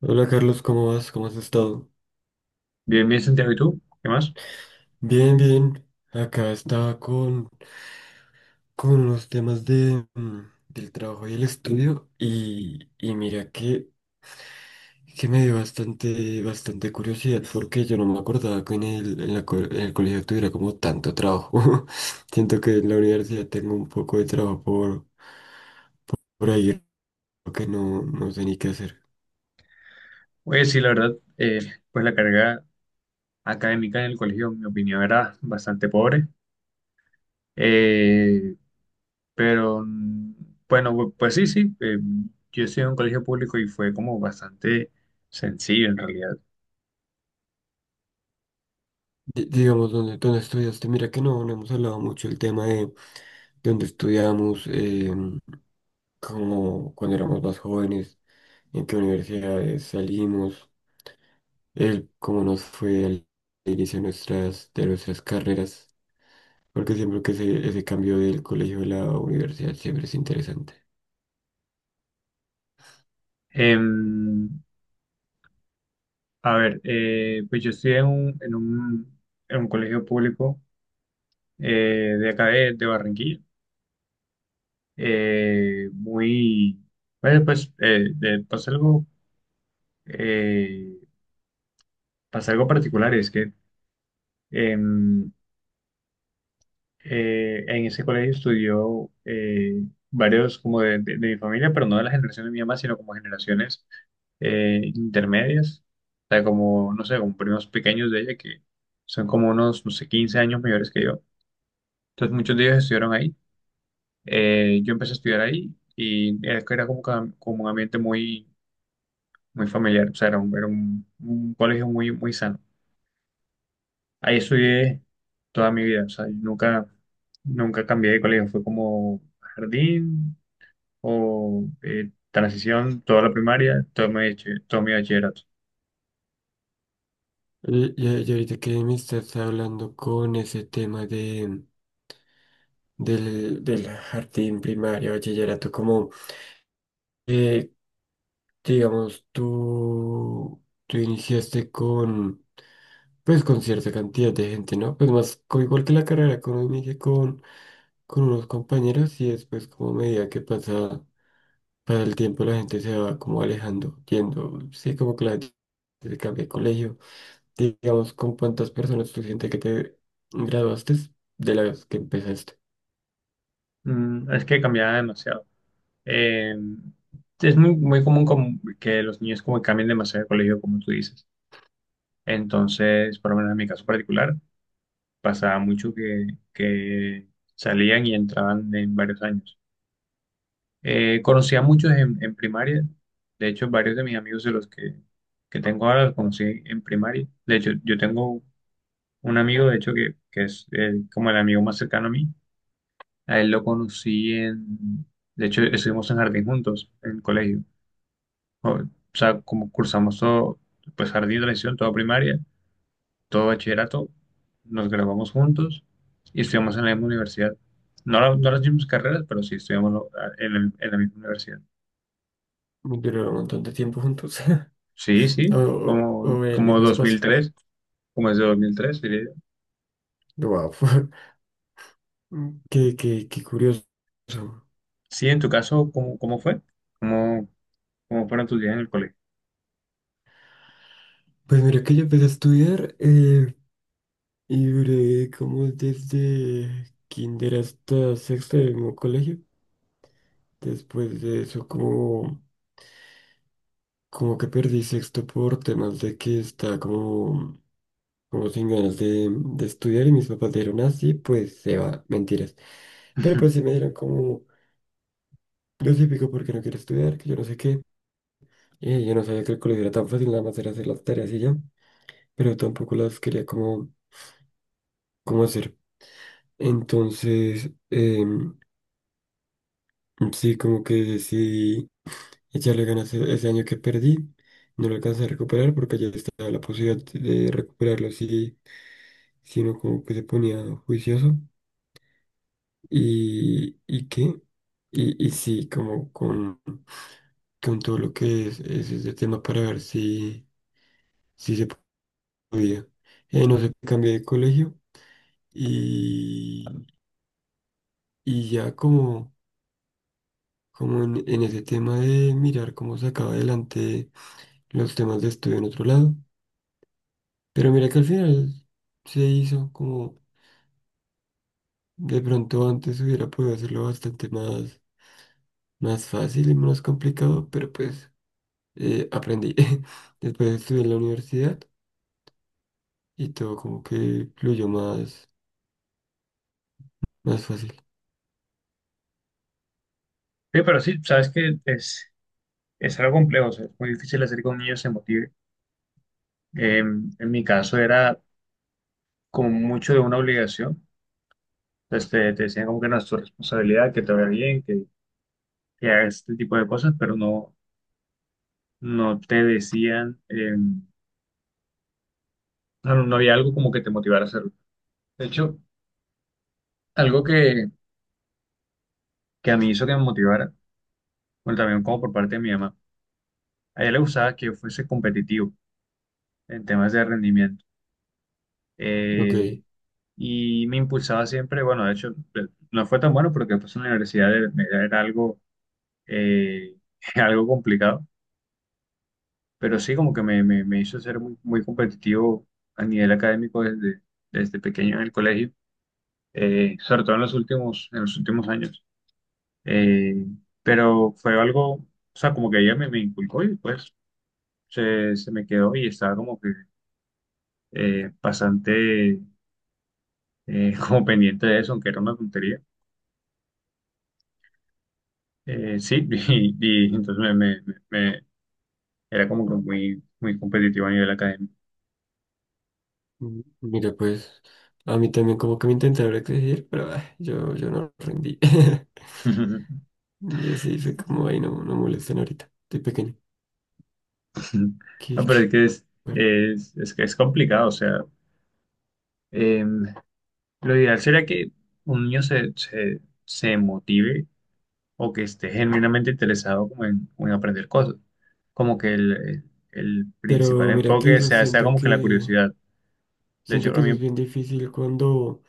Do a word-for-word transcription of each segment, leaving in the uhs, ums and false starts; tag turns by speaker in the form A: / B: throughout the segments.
A: Hola Carlos, ¿cómo vas? ¿Cómo has estado?
B: Bien, bien, Santiago, ¿y tú? ¿Qué más?
A: Bien, bien. Acá estaba con, con los temas de, mm, del trabajo y el estudio y, y mira que, que me dio bastante, bastante curiosidad porque yo no me acordaba que en el, en la co- en el colegio tuviera como tanto trabajo. Siento que en la universidad tengo un poco de trabajo por, por ahí que no, no sé ni qué hacer.
B: Oye, sí, la verdad, eh, pues la carga académica en el colegio, en mi opinión, era bastante pobre. Eh, pero, mm, bueno, pues sí, sí, eh, yo estudié en un colegio público y fue como bastante sencillo en realidad.
A: Di- Digamos, ¿dónde, dónde estudiaste? Mira que no, no hemos hablado mucho el tema de dónde estudiamos. Em, como cuando éramos más jóvenes, en qué universidades salimos, el cómo nos fue al inicio de nuestras, de nuestras carreras, porque siempre que ese, ese cambio del colegio a la universidad siempre es interesante.
B: Em, a ver, eh, pues yo estudié en un, en un, en un colegio público, eh, de acá de, de Barranquilla, eh, muy, bueno, pues, eh, de, pues algo... eh, pasa algo particular, y es que em, eh, en ese colegio estudió, eh, varios como de, de- de mi familia, pero no de la generación de mi mamá, sino como generaciones, eh, intermedias. O sea, como, no sé, como primos pequeños de ella que son como unos, no sé, quince años mayores que yo. Entonces muchos de ellos estudiaron ahí. Eh, yo empecé a estudiar ahí y era era como, que- como un ambiente muy, muy familiar. O sea, era un, era un un colegio muy, muy sano. Ahí estudié toda mi vida. O sea, yo nunca, nunca cambié de colegio, fue como jardín o, eh, transición, toda la primaria, todo mi, bache- todo mi bachillerato.
A: Y, y- y ahorita que me estás hablando con ese tema de, del, del jardín primario, bachillerato, como, eh, digamos, tú, tú iniciaste con pues con cierta cantidad de gente, ¿no? Pues más, co- igual que la carrera, como inicié con, con unos compañeros y después como a medida que pasa, pasa el tiempo la gente se va como alejando, yendo, sí, como que la gente se cambia de colegio. Digamos, ¿con cuántas personas tú sientes que te graduaste de las que empezaste?
B: Mm, es que cambiaba demasiado. Eh, es muy, muy común como que los niños como que cambien demasiado de colegio, como tú dices. Entonces, por lo menos en mi caso particular, pasaba mucho que, que salían y entraban en varios años. Eh, conocí a muchos en, en primaria. De hecho, varios de mis amigos de los que, que tengo ahora los conocí en primaria. De hecho, yo tengo un amigo, de hecho, que, que es el- como el amigo más cercano a mí. A él lo conocí en, de hecho, estuvimos en jardín juntos, en el colegio. O, o sea, como cursamos todo, pues jardín, transición, toda primaria, todo bachillerato, nos graduamos juntos y estudiamos en la misma universidad. No, la- no las mismas carreras, pero sí estudiamos lo- en el- en la misma universidad.
A: Duraron un montón de tiempo juntos.
B: Sí,
A: o,
B: sí,
A: o-
B: como,
A: o en el
B: como
A: mismo
B: dos mil
A: espacio.
B: tres, como es de dos mil tres, diría yo.
A: Wow, qué, qué, qué curioso.
B: Sí, en tu caso, ¿cómo, cómo fue? ¿Cómo, cómo fueron tus días en el colegio?
A: Pues mira que yo empecé a estudiar. eh, Y duré como desde kinder hasta sexto del mismo colegio. Después de eso, como, como que perdí sexto por temas de que estaba como, como sin ganas de, de estudiar y mis papás dijeron así, pues se va, mentiras. Pero pues sí me dieron como lo típico porque no quiero estudiar, que yo no sé qué. Y yo no sabía que el colegio era tan fácil, nada más era hacer las tareas y ya, pero tampoco las quería como, como hacer. Entonces, em, sí, como que decidí echarle ganas e- ese año que perdí, no lo alcancé a recuperar porque ya estaba la posibilidad de recuperarlo si, si uno como que se ponía juicioso. ¿Y, y qué? Y, y sí, como con, con todo lo que es, es ese tema para ver si, si se podía. Eh, no sé, cambié de colegio y, y ya como, como en, en ese tema de mirar cómo sacaba adelante los temas de estudio en otro lado. Pero mira que al final se hizo como de pronto antes hubiera podido hacerlo bastante más, más fácil y menos complicado, pero pues eh, aprendí. Después estudié en la universidad y todo como que fluyó más, más fácil.
B: Sí, pero sí, sabes que es, es algo complejo. O sea, es muy difícil hacer que un niño se motive. Eh, en mi caso era como mucho de una obligación. Entonces te, te decían como que no es tu responsabilidad, que te vaya bien, que, que hagas este tipo de cosas, pero no, no te decían, eh, no, no había algo como que te motivara a hacerlo. De hecho, algo que, que a mí hizo que me motivara, bueno, también como por parte de mi mamá. A ella le gustaba que yo fuese competitivo en temas de rendimiento.
A: Ok.
B: Eh, y me impulsaba siempre. Bueno, de hecho, eh, no fue tan bueno porque después en la universidad era era algo, eh, algo complicado, pero sí como que me, me, me hizo ser muy, muy competitivo a nivel académico desde, desde pequeño en el colegio, eh, sobre todo en los últimos, en los últimos años. Eh, pero fue algo, o sea, como que ella me, me inculcó y pues se, se me quedó y estaba como que, eh, bastante, eh, como pendiente de eso, aunque era una tontería. Eh, sí, y, y entonces me, me- me- me- era como que muy, muy competitivo a nivel académico.
A: Mm, mira, pues a mí también como que me intentaron exigir, pero ah, yo, yo no rendí. Y así fue como, ay no, no molesten ahorita, estoy pequeño.
B: No,
A: Qué-
B: pero
A: qué-
B: es que es, es, es que es complicado. O sea, em, lo ideal sería que un niño se, se, se motive o que esté genuinamente interesado como en, como en aprender cosas, como que el, el principal
A: Pero mira que
B: enfoque
A: eso
B: sea, sea
A: siento
B: como que la
A: que,
B: curiosidad. De
A: siento
B: hecho,
A: que
B: a
A: eso es
B: mí...
A: bien difícil cuando...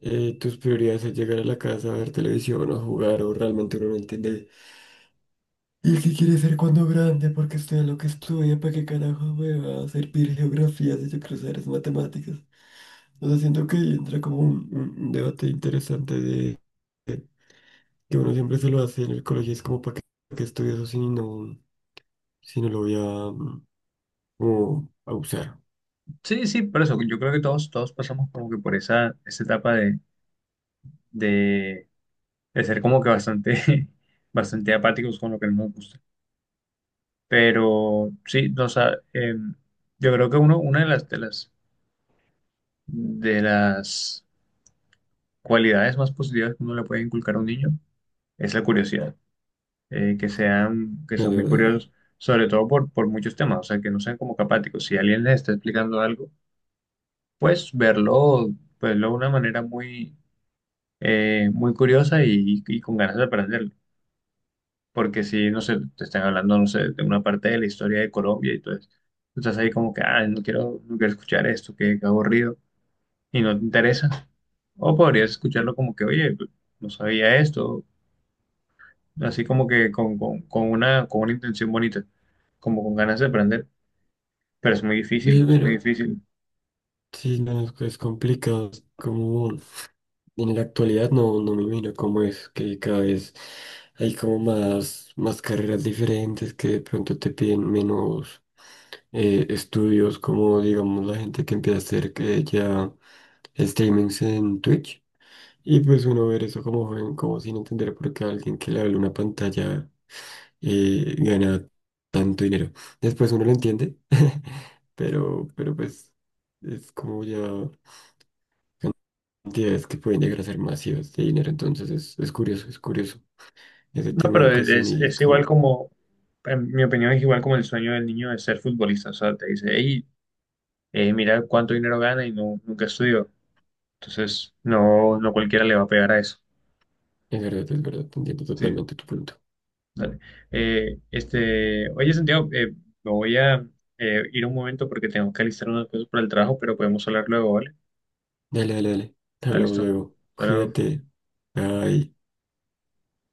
A: eh, tus prioridades es llegar a la casa a ver televisión o jugar o realmente uno no entiende. ¿Y qué quiere ser cuando grande? Porque estudia lo que estudia, ¿para qué carajo me va a servir geografía si yo quiero saber es matemáticas? O sea, siento que ahí entra como un, un- un debate interesante de que uno siempre se lo hace en el colegio, es como para qué, para qué estudio eso si no, si no lo voy a, mm, como a usar.
B: Sí, sí, por eso yo creo que todos, todos pasamos como que por esa, esa etapa de, de, de ser como que bastante, bastante apáticos con lo que no nos gusta. Pero sí, no, o sea, em, yo creo que uno, una de las, de las, de las cualidades más positivas que uno le puede inculcar a un niño es la curiosidad. Eh, que sean, que
A: No,
B: sean
A: de
B: muy
A: verdad.
B: curiosos, sobre todo por, por muchos temas. O sea, que no sean como que apáticos. Si alguien les está explicando algo, pues verlo, pues verlo de una manera muy, eh, muy curiosa, y, y con ganas de aprenderlo. Porque si, no sé, te están hablando, no sé, de una parte de la historia de Colombia y todo eso, tú estás ahí como que, ah, no quiero, no quiero escuchar esto, que que aburrido, y no te interesa. O podrías escucharlo como que, oye, pues, no sabía esto, así como que con, con, con una, con una intención bonita, como con ganas de aprender, pero es muy
A: Eh,
B: difícil, es muy
A: Mira,
B: difícil.
A: sí, no, es complicado, es como... En la actualidad no, no me imagino cómo es que cada vez hay como más, más carreras diferentes que de pronto te piden menos eh, estudios, como digamos la gente que empieza a hacer que ya streamings en Twitch. Y pues uno ver eso como joven, como sin entender por qué alguien que le habla una pantalla eh, gana tanto dinero. Después uno lo entiende, pero, pero pues es como ya cantidades que pueden llegar a ser masivas de dinero. Entonces es, es curioso, es curioso ese
B: No,
A: tema de
B: pero
A: educación
B: es,
A: y
B: es igual
A: cómo.
B: como, en mi opinión es igual como el sueño del niño de ser futbolista. O sea, te dice, hey, es mirar cuánto dinero gana y no, nunca estudió. Entonces, no, no cualquiera le va a pegar a eso.
A: Es verdad, es verdad, entiendo
B: Sí,
A: totalmente tu punto.
B: dale. Eh, este, oye, Santiago, eh, me voy a, eh, ir un momento porque tengo que alistar unas cosas para el trabajo, pero podemos hablar luego, ¿vale?
A: Dale, dale, dale.
B: Dale,
A: Hablamos
B: listo.
A: luego.
B: Hasta luego.
A: Cuídate. Bye.